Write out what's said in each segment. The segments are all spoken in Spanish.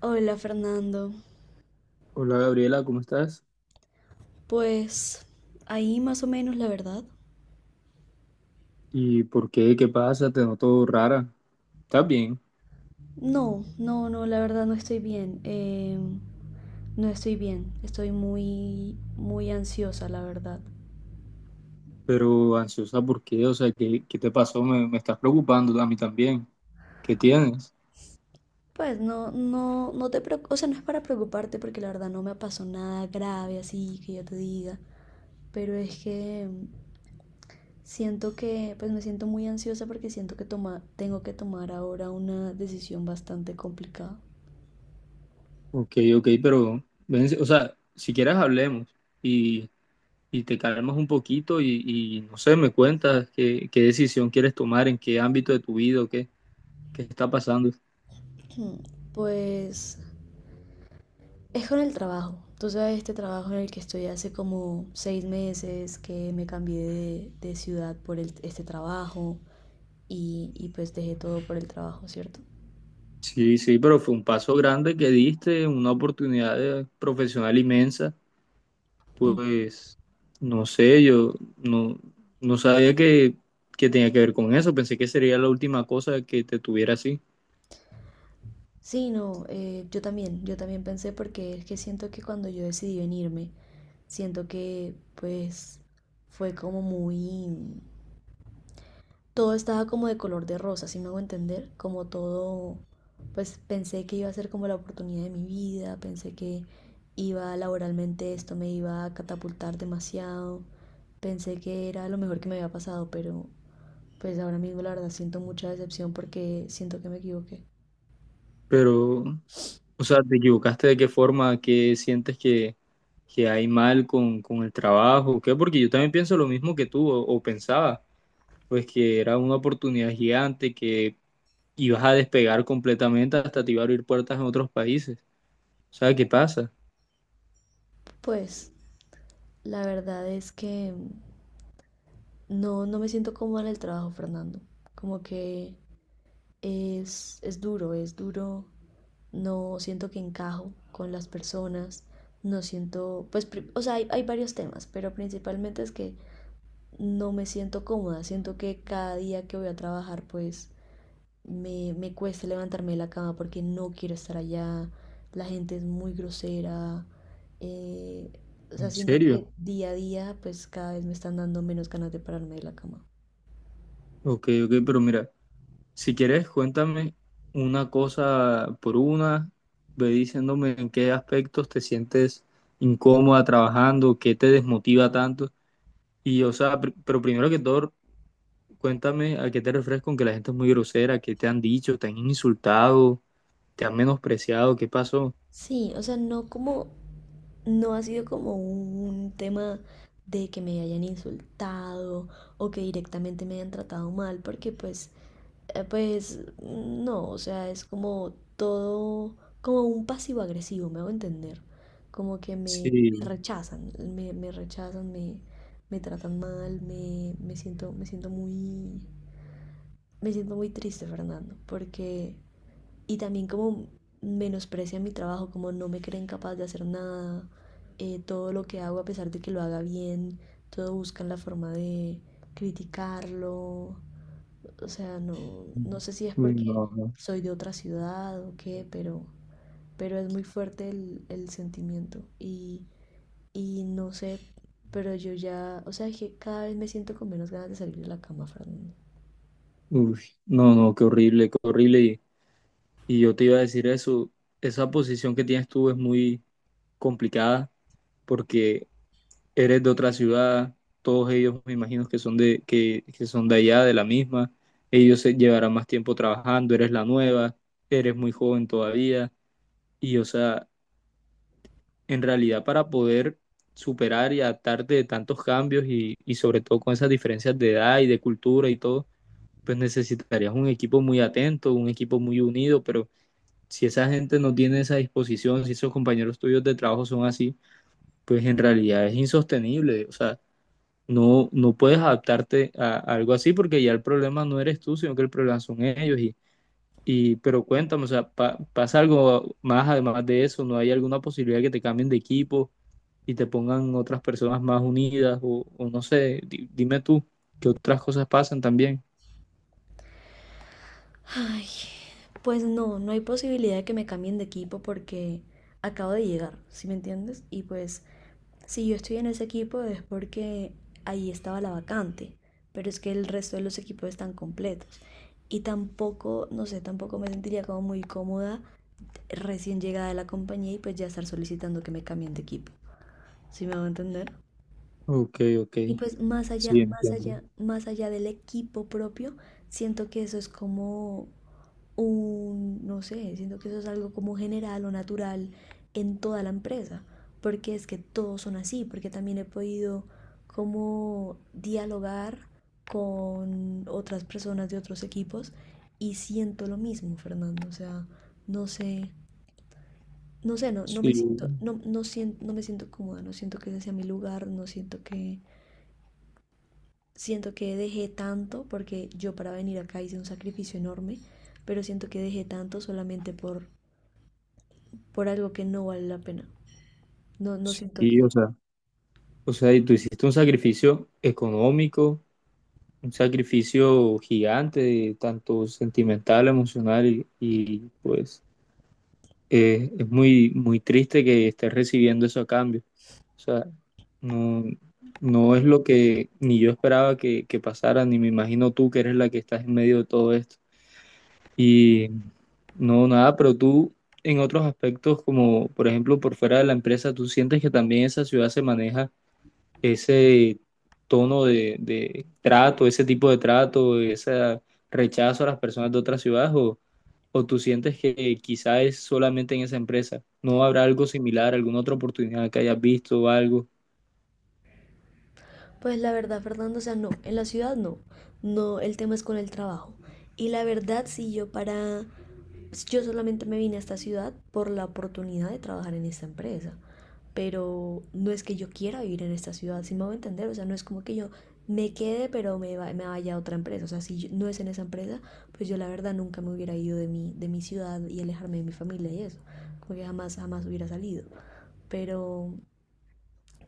Hola, Fernando, Hola Gabriela, ¿cómo estás? pues ahí más o menos, la verdad. ¿Y por qué? ¿Qué pasa? Te noto rara. ¿Estás bien? No, no, no, la verdad no estoy bien. No estoy bien, estoy muy, muy ansiosa, la verdad. Pero ansiosa, ¿por qué? O sea, ¿qué te pasó? Me estás preocupando a mí también. ¿Qué tienes? Pues no, no, no te preocupes, o sea, no es para preocuparte porque la verdad no me pasó nada grave así que yo te diga, pero es que siento que, pues me siento muy ansiosa porque siento que tengo que tomar ahora una decisión bastante complicada. Ok, ok, pero, ven, o sea, si quieres hablemos y, y te calmas un poquito y, no sé, me cuentas qué decisión quieres tomar, en qué ámbito de tu vida o qué, qué está pasando. Pues es con el trabajo. Tú sabes, este trabajo en el que estoy hace como 6 meses, que me cambié de, ciudad por este trabajo y pues dejé todo por el trabajo, ¿cierto? Sí, sí, pero fue un paso grande que diste, una oportunidad profesional inmensa. Ujú. Pues no sé, yo no, no sabía que tenía que ver con eso, pensé que sería la última cosa que te tuviera así. Sí, no, yo también pensé porque es que siento que cuando yo decidí venirme, siento que pues fue como muy, todo estaba como de color de rosa, si me hago entender, como todo, pues pensé que iba a ser como la oportunidad de mi vida, pensé que iba laboralmente, esto me iba a catapultar demasiado, pensé que era lo mejor que me había pasado, pero pues ahora mismo la verdad siento mucha decepción porque siento que me equivoqué. Pero, o sea, ¿te equivocaste de qué forma, qué sientes que hay mal con el trabajo? ¿Qué? Porque yo también pienso lo mismo que tú, o pensaba, pues que era una oportunidad gigante, que ibas a despegar completamente, hasta te iba a abrir puertas en otros países. O sea, ¿qué pasa? Pues la verdad es que no, no me siento cómoda en el trabajo, Fernando, como que es duro, es duro. No siento que encajo con las personas. No siento, pues, o sea, hay varios temas, pero principalmente es que no me siento cómoda. Siento que cada día que voy a trabajar, pues, me cuesta levantarme de la cama porque no quiero estar allá. La gente es muy grosera. eh, o sea, ¿En siento serio? que día a día, pues, cada vez me están dando menos ganas de pararme de la cama. Ok, ok, pero mira. Si quieres, cuéntame una cosa por una, ve diciéndome en qué aspectos te sientes incómoda trabajando, qué te desmotiva tanto. Y, o sea, pero primero que todo, cuéntame a qué te refieres con que la gente es muy grosera, qué te han dicho, te han insultado, te han menospreciado, qué pasó. Sí, o sea, no como, no ha sido como un tema de que me hayan insultado o que directamente me hayan tratado mal, porque pues, pues no, o sea, es como todo, como un pasivo agresivo, me hago entender. Como que me Sí. rechazan, me rechazan, me tratan mal, me siento muy triste, Fernando, porque, y también como menosprecian mi trabajo, como no me creen capaz de hacer nada, todo lo que hago a pesar de que lo haga bien, todo buscan la forma de criticarlo, o sea, no, no sé si es Uy, porque no, no. soy de otra ciudad o qué, pero es muy fuerte el sentimiento y no sé, pero yo ya, o sea, que cada vez me siento con menos ganas de salir de la cama, Fernando. Uy, no, no, qué horrible, qué horrible. Y yo te iba a decir eso, esa posición que tienes tú es muy complicada porque eres de otra ciudad, todos ellos me imagino que son de allá, de la misma, ellos se llevarán más tiempo trabajando, eres la nueva, eres muy joven todavía, y o sea, en realidad para poder superar y adaptarte de tantos cambios y sobre todo con esas diferencias de edad y de cultura y todo, pues necesitarías un equipo muy atento, un equipo muy unido, pero si esa gente no tiene esa disposición, si esos compañeros tuyos de trabajo son así, pues en realidad es insostenible, o sea, no, no puedes adaptarte a algo así porque ya el problema no eres tú, sino que el problema son ellos. Y pero cuéntame, o sea, ¿pasa algo más además de eso? ¿No hay alguna posibilidad que te cambien de equipo y te pongan otras personas más unidas? O no sé, dime tú, ¿qué otras cosas pasan también? Ay, pues no, no hay posibilidad de que me cambien de equipo porque acabo de llegar, ¿sí me entiendes? Y pues si yo estoy en ese equipo es porque ahí estaba la vacante, pero es que el resto de los equipos están completos. Y tampoco, no sé, tampoco me sentiría como muy cómoda recién llegada de la compañía y pues ya estar solicitando que me cambien de equipo, ¿sí me va a entender? Ok, ok, Y pues más allá, sí, más entiendo. allá, más allá del equipo propio, siento que eso es como un, no sé, siento que eso es algo como general o natural en toda la empresa, porque es que todos son así, porque también he podido como dialogar con otras personas de otros equipos y siento lo mismo, Fernando, o sea, no sé, no, Sí, no, no me siento cómoda, no siento que ese sea mi lugar, no siento que, siento que dejé tanto, porque yo para venir acá hice un sacrificio enorme, pero siento que dejé tanto solamente por algo que no vale la pena. No, no siento que... sí, o sea. O sea, y tú hiciste un sacrificio económico, un sacrificio gigante, tanto sentimental, emocional y, pues es muy, muy triste que estés recibiendo eso a cambio. O sea, no, no es lo que ni yo esperaba que pasara, ni me imagino tú que eres la que estás en medio de todo esto. Y no, nada, pero tú en otros aspectos, como por ejemplo por fuera de la empresa, ¿tú sientes que también esa ciudad se maneja ese tono de trato, ese tipo de trato, ese rechazo a las personas de otras ciudades, o tú sientes que quizá es solamente en esa empresa? ¿No habrá algo similar, alguna otra oportunidad que hayas visto o algo? Pues la verdad, Fernando, o sea, no, en la ciudad no. No, el tema es con el trabajo. Y la verdad, si yo para... pues, yo solamente me vine a esta ciudad por la oportunidad de trabajar en esta empresa. Pero no es que yo quiera vivir en esta ciudad, si me voy a entender. O sea, no es como que yo me quede, pero me, me vaya a otra empresa. O sea, no es en esa empresa, pues yo la verdad nunca me hubiera ido de mi ciudad y alejarme de mi familia y eso. Como que jamás, jamás hubiera salido. Pero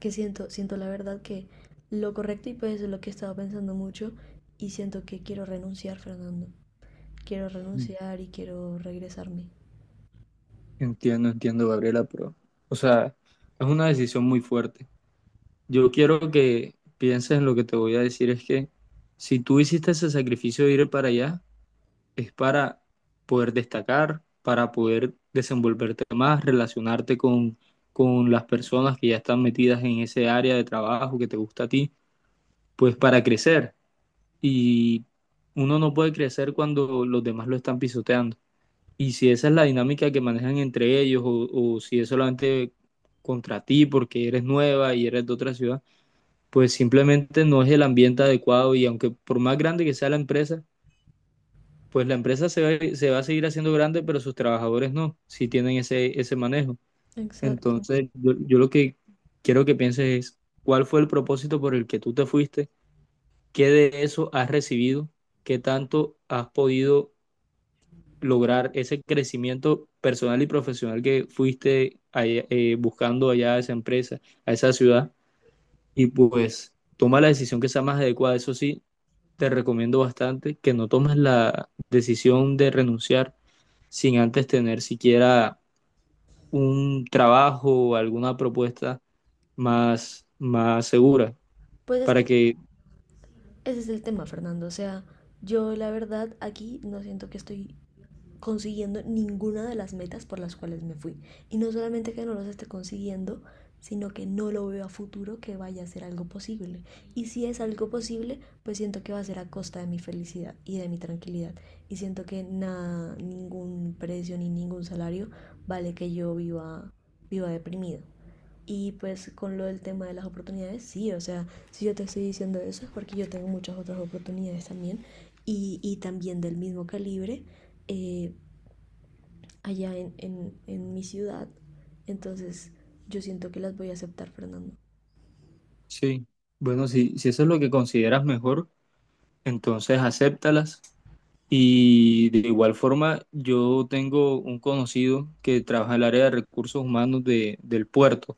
que siento, siento la verdad que lo correcto, y pues eso es lo que he estado pensando mucho, y siento que quiero renunciar, Fernando. Quiero Mm. renunciar y quiero regresarme. Entiendo, entiendo, Gabriela, pero, o sea, es una decisión muy fuerte. Yo quiero que pienses en lo que te voy a decir, es que si tú hiciste ese sacrificio de ir para allá, es para poder destacar, para poder desenvolverte más, relacionarte con las personas que ya están metidas en ese área de trabajo que te gusta a ti, pues para crecer. Y uno no puede crecer cuando los demás lo están pisoteando. Y si esa es la dinámica que manejan entre ellos o si es solamente contra ti porque eres nueva y eres de otra ciudad, pues simplemente no es el ambiente adecuado y aunque por más grande que sea la empresa, pues la empresa se va a seguir haciendo grande, pero sus trabajadores no, si tienen ese, ese manejo. Exacto. Entonces, yo lo que quiero que pienses es, ¿cuál fue el propósito por el que tú te fuiste? ¿Qué de eso has recibido? ¿Qué tanto has podido lograr ese crecimiento personal y profesional que fuiste buscando allá a esa empresa, a esa ciudad? Y pues toma la decisión que sea más adecuada, eso sí, te recomiendo bastante que no tomes la decisión de renunciar sin antes tener siquiera un trabajo o alguna propuesta más, más segura. Pues es que Para que, ese es el tema, Fernando. O sea, yo la verdad aquí no siento que estoy consiguiendo ninguna de las metas por las cuales me fui. Y no solamente que no los esté consiguiendo, sino que no lo veo a futuro que vaya a ser algo posible. Y si es algo posible, pues siento que va a ser a costa de mi felicidad y de mi tranquilidad. Y siento que nada, ningún precio ni ningún salario vale que yo viva, viva deprimido. Y pues con lo del tema de las oportunidades, sí, o sea, si yo te estoy diciendo eso es porque yo tengo muchas otras oportunidades también, y también del mismo calibre, eh, allá en, en mi ciudad. Entonces yo siento que las voy a aceptar, Fernando. sí, bueno, si, si eso es lo que consideras mejor, entonces acéptalas. Y de igual forma, yo tengo un conocido que trabaja en el área de recursos humanos de, del puerto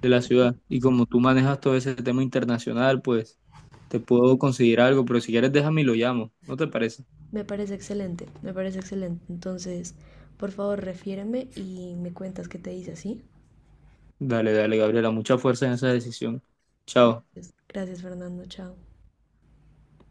de la ciudad. Y como tú manejas todo ese tema internacional, pues te puedo conseguir algo, pero si quieres déjame y lo llamo, ¿no te parece? Me parece excelente, me parece excelente. Entonces, por favor, refiéreme y me cuentas qué te dice, ¿sí? Dale, dale, Gabriela, mucha fuerza en esa decisión. Chao. Gracias. Gracias, Fernando. Chao.